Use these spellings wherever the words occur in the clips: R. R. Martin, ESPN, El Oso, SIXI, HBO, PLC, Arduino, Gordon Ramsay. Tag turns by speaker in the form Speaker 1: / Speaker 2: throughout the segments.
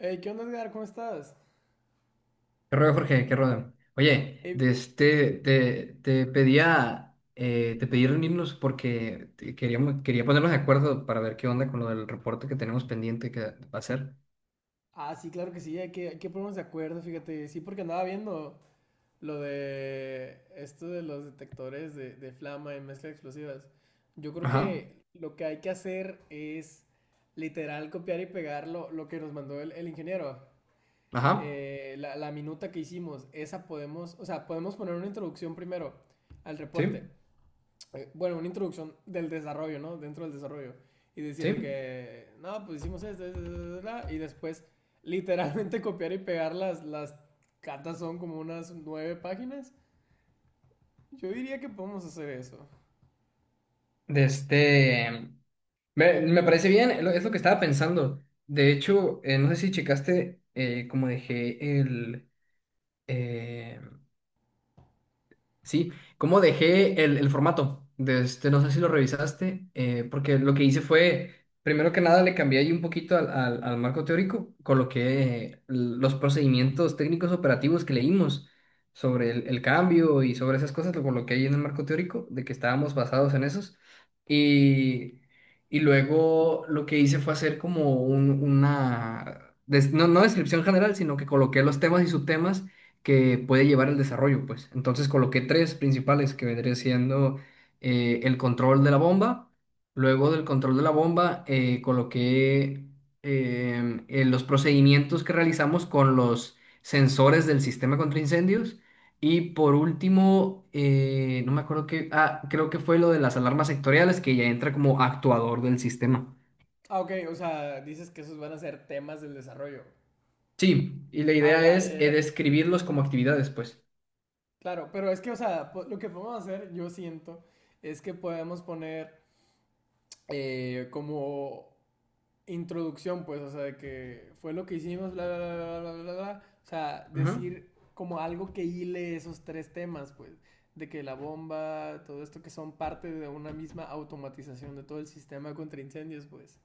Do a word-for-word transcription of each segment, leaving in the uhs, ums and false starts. Speaker 1: Hey, ¿qué onda, Edgar? ¿Cómo estás?
Speaker 2: ¿Qué rollo, Jorge? ¿Qué rollo? Oye,
Speaker 1: Eh,
Speaker 2: de este, te, te pedía, eh, te pedí reunirnos porque te- queríamos, quería ponernos de acuerdo para ver qué onda con lo del reporte que tenemos pendiente que va a hacer.
Speaker 1: ah, sí, claro que sí, hay que, hay que ponernos de acuerdo, fíjate. Sí, porque andaba viendo lo de esto de los detectores de, de flama y mezcla de explosivas. Yo creo
Speaker 2: Ajá,
Speaker 1: que lo que hay que hacer es literal copiar y pegar lo, lo que nos mandó el, el ingeniero.
Speaker 2: ajá,
Speaker 1: Eh, la, la minuta que hicimos, esa podemos, o sea, podemos poner una introducción primero al reporte.
Speaker 2: sí,
Speaker 1: Eh, bueno, una introducción del desarrollo, ¿no? Dentro del desarrollo. Y decir de
Speaker 2: sí.
Speaker 1: que, no, pues hicimos esto, esto, esto, esto", y después literalmente copiar y pegar las, las cartas son como unas nueve páginas. Yo diría que podemos hacer eso.
Speaker 2: De este, me, me parece bien, lo- es lo que estaba pensando. De hecho, eh, no sé si checaste, eh, como dejé el, sí, cómo dejé el, el formato. De este, no sé si lo revisaste, eh, porque lo que hice fue, primero que nada, le cambié ahí un poquito al, al- al marco teórico, coloqué eh, los procedimientos técnicos operativos que leímos sobre el, el cambio y sobre esas cosas, lo coloqué ahí en el marco teórico, de que estábamos basados en esos. Y, y luego lo que hice fue hacer como un- una, des- no, no descripción general, sino que coloqué los temas y subtemas que puede llevar el desarrollo, pues. Entonces coloqué tres principales que vendría siendo eh, el control de la bomba, luego del control de la bomba, eh, coloqué em, eh, los procedimientos que realizamos con los sensores del sistema contra incendios. Y por último, eh, no me acuerdo qué, ah, creo que fue lo de las alarmas sectoriales que ya entra como actuador del sistema.
Speaker 1: Ah, ok, o sea, dices que esos van a ser temas del desarrollo.
Speaker 2: Sí, y la
Speaker 1: Ah,
Speaker 2: idea
Speaker 1: ya, ya,
Speaker 2: es eh,
Speaker 1: ya.
Speaker 2: describirlos como actividades, pues.
Speaker 1: Claro, pero es que, o sea, po- lo que podemos hacer, yo siento, es que podemos poner eh, como introducción, pues, o sea, de que fue lo que hicimos, bla, bla, bla, bla, bla, bla, bla. O sea,
Speaker 2: Ujú,
Speaker 1: decir como algo que hile esos tres temas, pues, de que la bomba, todo esto que son parte de una misma automatización de todo el sistema contra incendios, pues,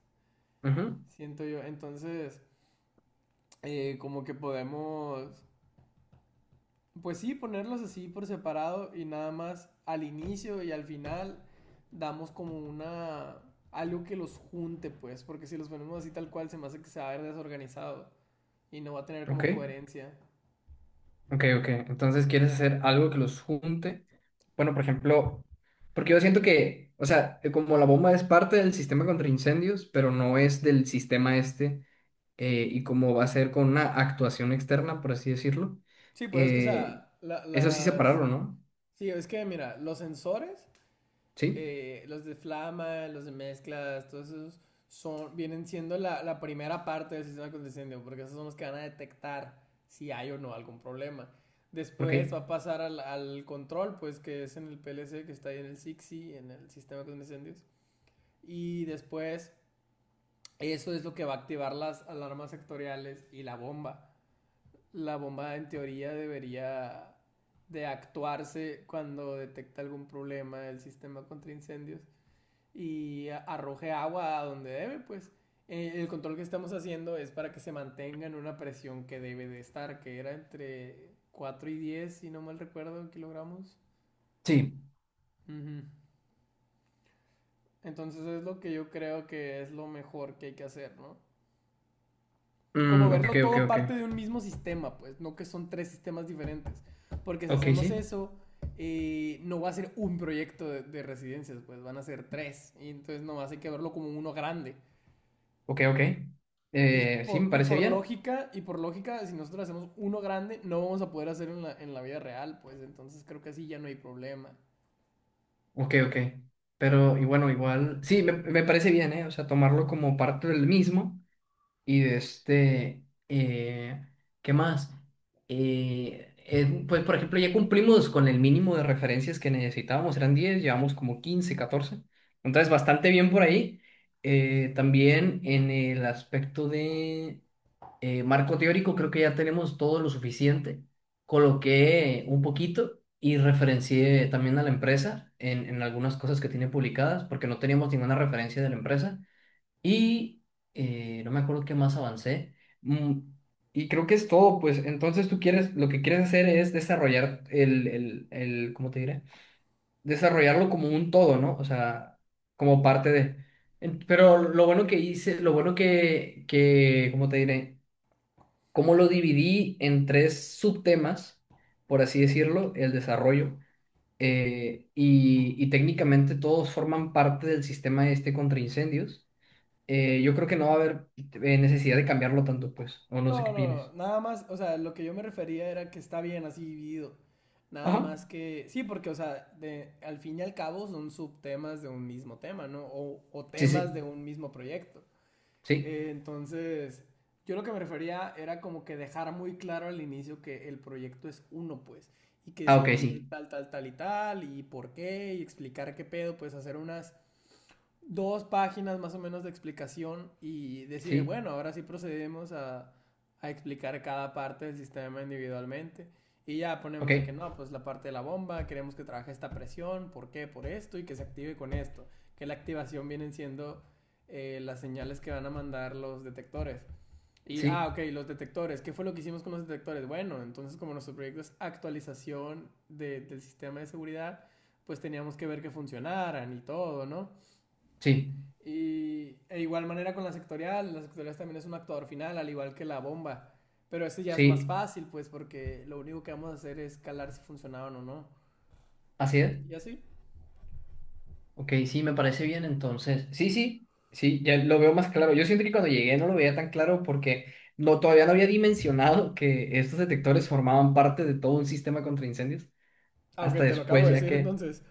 Speaker 2: ujú,
Speaker 1: siento yo. Entonces, eh, como que podemos, pues sí, ponerlos así por separado y nada más al inicio y al final damos como una algo que los junte, pues, porque si los ponemos así tal cual se me hace que se va a ver desorganizado y no va a tener
Speaker 2: ok.
Speaker 1: como coherencia.
Speaker 2: Ok, ok. Entonces, ¿quieres hacer algo que los junte? Bueno, por ejemplo, porque yo siento que, o sea, eh, como la bomba es parte del sistema contra incendios, pero no es del sistema este, eh, y como va a ser con una actuación externa, por así decirlo,
Speaker 1: Sí, pues es que, o
Speaker 2: eh,
Speaker 1: sea, la-
Speaker 2: eso sí
Speaker 1: las...
Speaker 2: separarlo, ¿no?
Speaker 1: Sí, es que, mira, los sensores,
Speaker 2: Sí,
Speaker 1: eh, los de flama, los de mezclas, todos esos son, vienen siendo la, la primera parte del sistema de incendio, porque esos son los que van a detectar si hay o no algún problema.
Speaker 2: ok.
Speaker 1: Después va a pasar al, al control, pues que es en el P L C, que está ahí en el SIXI, en el sistema de incendios. Y después, eso es lo que va a activar las alarmas sectoriales y la bomba. La bomba en teoría debería de actuarse cuando detecta algún problema del sistema contra incendios y arroje agua a donde debe, pues. Eh, El control que estamos haciendo es para que se mantenga en una presión que debe de estar, que era entre cuatro y diez si no mal recuerdo, kilogramos.
Speaker 2: Sí.
Speaker 1: Ujú. Entonces es lo que yo creo que es lo mejor que hay que hacer, ¿no? Como
Speaker 2: Mm, ok,
Speaker 1: verlo
Speaker 2: ok,
Speaker 1: todo
Speaker 2: ok.
Speaker 1: parte de un mismo sistema, pues, no que son tres sistemas diferentes. Porque si
Speaker 2: Ok,
Speaker 1: hacemos
Speaker 2: sí.
Speaker 1: eso, eh, no va a ser un proyecto de, de, residencias, pues van a ser tres. Y entonces nomás hay que verlo como uno grande.
Speaker 2: Ok, ok.
Speaker 1: Y
Speaker 2: Eh, sí,
Speaker 1: por,
Speaker 2: me
Speaker 1: y
Speaker 2: parece
Speaker 1: por
Speaker 2: bien.
Speaker 1: lógica, y por lógica, si nosotros hacemos uno grande, no vamos a poder hacer en la, en la vida real, pues entonces creo que así ya no hay problema.
Speaker 2: Ok, ok. Pero, y bueno, igual, sí, me, me parece bien, ¿eh? O sea, tomarlo como parte del mismo, y de este, eh, ¿qué más? Eh, eh, pues, por ejemplo, ya cumplimos con el mínimo de referencias que necesitábamos, eran diez, llevamos como quince, catorce. Entonces, bastante bien por ahí. Eh, también en el aspecto de eh, marco teórico, creo que ya tenemos todo lo suficiente. Coloqué un poquito y referencié también a la empresa en, en algunas cosas que tiene publicadas, porque no teníamos ninguna referencia de la empresa. Y, eh, no me acuerdo qué más avancé. Mm, y creo que es todo, pues entonces tú quieres, lo que quieres hacer es desarrollar el, el, el, ¿cómo te diré? Desarrollarlo como un todo, ¿no? O sea, como parte de. En- Pero lo bueno que hice, lo bueno que, que, ¿cómo te diré? Como lo dividí en tres subtemas, por así decirlo, el desarrollo, eh, y, y técnicamente todos forman parte del sistema este contra incendios. Eh, yo creo que no va a haber eh, necesidad de cambiarlo tanto, pues. O no sé qué
Speaker 1: No, no,
Speaker 2: opines.
Speaker 1: no, nada más, o sea, lo que yo me refería era que está bien así dividido. Nada
Speaker 2: Ajá.
Speaker 1: más que, sí, porque, o sea, de, al fin y al cabo son subtemas de un mismo tema, ¿no? O, o
Speaker 2: Sí,
Speaker 1: temas de
Speaker 2: sí,
Speaker 1: un mismo proyecto.
Speaker 2: sí.
Speaker 1: Eh, entonces, yo lo que me refería era como que dejar muy claro al inicio que el proyecto es uno, pues, y que
Speaker 2: Ah,
Speaker 1: se
Speaker 2: ok,
Speaker 1: divide en
Speaker 2: sí.
Speaker 1: tal, tal, tal y tal, y por qué, y explicar qué pedo, pues hacer unas dos páginas más o menos de explicación y decir,
Speaker 2: Sí,
Speaker 1: bueno, ahora sí procedemos a, a explicar cada parte del sistema individualmente. Y ya ponemos
Speaker 2: ok.
Speaker 1: de que no, pues la parte de la bomba, queremos que trabaje esta presión, ¿por qué? Por esto y que se active con esto. Que la activación vienen siendo eh, las señales que van a mandar los detectores. Y, ah,
Speaker 2: Sí,
Speaker 1: ok, los detectores. ¿Qué fue lo que hicimos con los detectores? Bueno, entonces como nuestro proyecto es actualización de- del sistema de seguridad, pues teníamos que ver que funcionaran y todo, ¿no?
Speaker 2: sí,
Speaker 1: Y e igual manera con la sectorial, la sectorial también es un actuador final, al igual que la bomba. Pero ese ya es más
Speaker 2: sí.
Speaker 1: fácil, pues, porque lo único que vamos a hacer es calar si funcionaban o no.
Speaker 2: Así es.
Speaker 1: Y así.
Speaker 2: Ok, sí, me parece bien entonces. Sí, sí, sí, ya lo veo más claro. Yo siento que cuando llegué no lo veía tan claro porque no, todavía no había dimensionado que estos detectores formaban parte de todo un sistema contra incendios.
Speaker 1: Ah,
Speaker 2: Hasta
Speaker 1: ok, te lo acabo
Speaker 2: después,
Speaker 1: de
Speaker 2: ya
Speaker 1: decir
Speaker 2: que.
Speaker 1: entonces.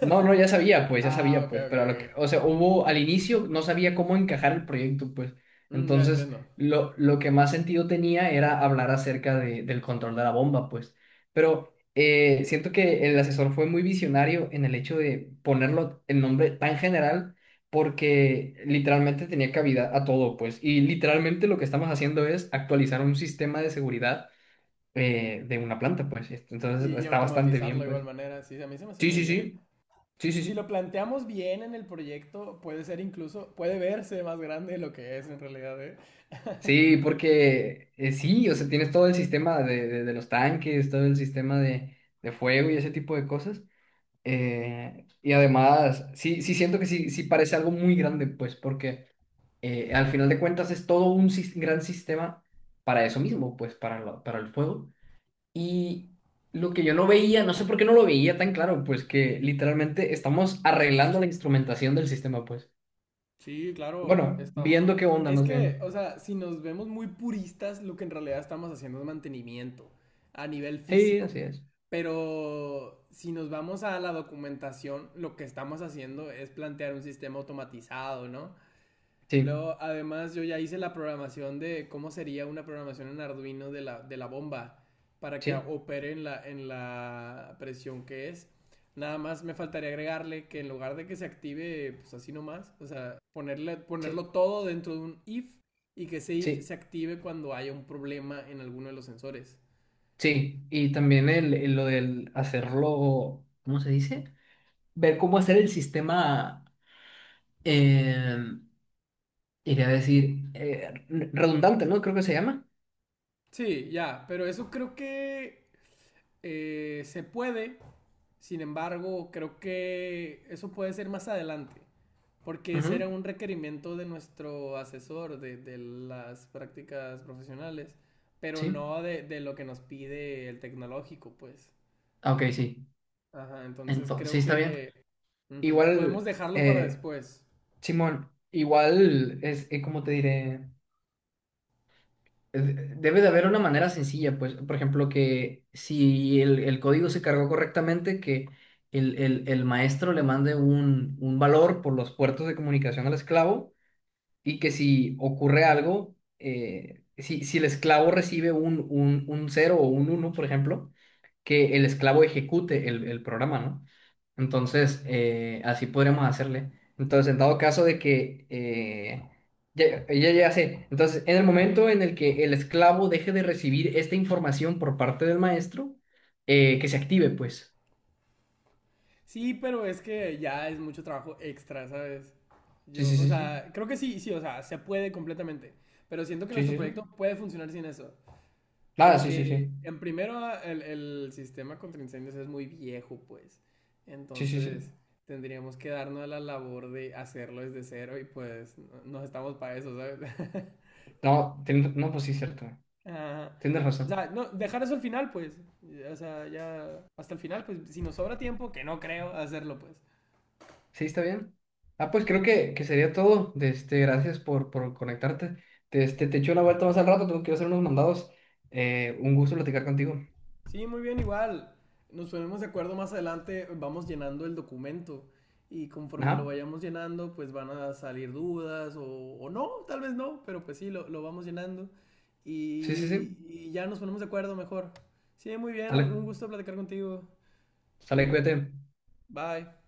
Speaker 2: No, no, ya sabía, pues, ya
Speaker 1: Ah,
Speaker 2: sabía,
Speaker 1: ok,
Speaker 2: pues,
Speaker 1: ok,
Speaker 2: pero a lo que,
Speaker 1: ok.
Speaker 2: o sea, hubo al inicio, no sabía cómo encajar el proyecto, pues.
Speaker 1: Mm, ya
Speaker 2: Entonces,
Speaker 1: entiendo.
Speaker 2: lo, lo que más sentido tenía era hablar acerca de- del control de la bomba, pues. Pero, eh, siento que el asesor fue muy visionario en el hecho de ponerlo el nombre tan general, porque literalmente tenía cabida a todo, pues. Y literalmente lo que estamos haciendo es actualizar un sistema de seguridad, eh, de una planta, pues.
Speaker 1: Y,
Speaker 2: Entonces,
Speaker 1: y
Speaker 2: está bastante
Speaker 1: automatizarlo
Speaker 2: bien,
Speaker 1: de igual
Speaker 2: pues.
Speaker 1: manera. Sí, a mí se me hace
Speaker 2: Sí,
Speaker 1: muy
Speaker 2: sí,
Speaker 1: bien.
Speaker 2: sí, sí, sí,
Speaker 1: Si lo
Speaker 2: sí.
Speaker 1: planteamos bien en el proyecto, puede ser incluso, puede verse más grande de lo que es en realidad, ¿eh?
Speaker 2: Sí, porque eh, sí, o sea, tienes todo el sistema de, de- de los tanques, todo el sistema de, de fuego y ese tipo de cosas. Eh, y además, sí, sí siento que sí, sí parece algo muy grande, pues, porque eh, al final de cuentas es todo un sis- gran sistema para eso mismo, pues, para, lo- para el fuego. Y lo que yo no veía, no sé por qué no lo veía tan claro, pues, que literalmente estamos arreglando la instrumentación del sistema, pues.
Speaker 1: Sí, claro,
Speaker 2: Bueno,
Speaker 1: estamos.
Speaker 2: viendo qué onda,
Speaker 1: Es
Speaker 2: más
Speaker 1: que,
Speaker 2: bien.
Speaker 1: o sea, si nos vemos muy puristas, lo que en realidad estamos haciendo es mantenimiento a nivel
Speaker 2: Sí,
Speaker 1: físico.
Speaker 2: así es.
Speaker 1: Pero si nos vamos a la documentación, lo que estamos haciendo es plantear un sistema automatizado, ¿no?
Speaker 2: Sí,
Speaker 1: Luego, además, yo ya hice la programación de cómo sería una programación en Arduino de la, de la bomba para que
Speaker 2: sí.
Speaker 1: opere en la, en la presión que es. Nada más me faltaría agregarle que en lugar de que se active, pues así nomás, o sea, ponerle,
Speaker 2: Sí,
Speaker 1: ponerlo todo dentro de un if y que ese if
Speaker 2: sí,
Speaker 1: se active cuando haya un problema en alguno de los sensores.
Speaker 2: sí. Y también el, el- lo del hacerlo, ¿cómo se dice? Ver cómo hacer el sistema, eh, iría a decir, eh, re- redundante, ¿no? Creo que se llama.
Speaker 1: Sí, ya, pero eso creo que eh, se puede, sin embargo, creo que eso puede ser más adelante. Porque ese
Speaker 2: Ujú,
Speaker 1: era un requerimiento de nuestro asesor de, de las prácticas profesionales, pero
Speaker 2: sí.
Speaker 1: no de, de lo que nos pide el tecnológico, pues.
Speaker 2: Ah, ok, sí.
Speaker 1: Ajá, entonces
Speaker 2: Entonces, sí,
Speaker 1: creo
Speaker 2: está bien.
Speaker 1: que ujú, podemos
Speaker 2: Igual,
Speaker 1: dejarlo para
Speaker 2: eh,
Speaker 1: después.
Speaker 2: Simón, igual es, eh, ¿cómo te diré? de- Debe de haber una manera sencilla, pues, por ejemplo, que si el, el código se cargó correctamente, que el, el- el maestro le mande un, un valor por los puertos de comunicación al esclavo, y que si ocurre algo, eh, si, si el esclavo recibe un, un, un cero o un uno, por ejemplo, que el esclavo ejecute el, el programa, ¿no? Entonces, eh, así podríamos hacerle. Entonces, en dado caso de que, eh, ya, ya, ya sé. Entonces, en el momento en el que el esclavo deje de recibir esta información por parte del maestro, eh, que se active, pues.
Speaker 1: Sí, pero es que ya es mucho trabajo extra, ¿sabes?
Speaker 2: Sí,
Speaker 1: Yo,
Speaker 2: sí,
Speaker 1: o
Speaker 2: sí, sí.
Speaker 1: sea, creo que sí, sí, o sea, se puede completamente, pero siento que
Speaker 2: Sí,
Speaker 1: nuestro
Speaker 2: sí, sí.
Speaker 1: proyecto puede funcionar sin eso.
Speaker 2: Ah, sí, sí, sí.
Speaker 1: Porque en primero el, el sistema contra incendios es muy viejo, pues.
Speaker 2: Sí, sí, sí.
Speaker 1: Entonces tendríamos que darnos a la labor de hacerlo desde cero y pues no, no estamos para eso, ¿sabes?
Speaker 2: No, ten- no, pues sí, cierto.
Speaker 1: Ah,
Speaker 2: Tienes
Speaker 1: o sea,
Speaker 2: razón.
Speaker 1: no, dejar eso al final, pues. O sea, ya hasta el final, pues si nos sobra tiempo, que no creo hacerlo, pues.
Speaker 2: Sí, está bien. Ah, pues creo que, que sería todo. De este, gracias por, por conectarte. De este, te echo una vuelta más al rato, tengo que ir a hacer unos mandados. Eh, un gusto platicar contigo.
Speaker 1: Sí, muy bien, igual. Nos ponemos de acuerdo más adelante, vamos llenando el documento y conforme lo
Speaker 2: Ajá.
Speaker 1: vayamos llenando, pues van a salir dudas o, o no, tal vez no, pero pues sí, lo, lo vamos llenando
Speaker 2: Sí, sí,
Speaker 1: y,
Speaker 2: sí.
Speaker 1: y ya nos ponemos de acuerdo mejor. Sí, muy bien,
Speaker 2: Dale.
Speaker 1: un un gusto platicar contigo.
Speaker 2: Sale,
Speaker 1: Sí,
Speaker 2: cuídate.
Speaker 1: bye.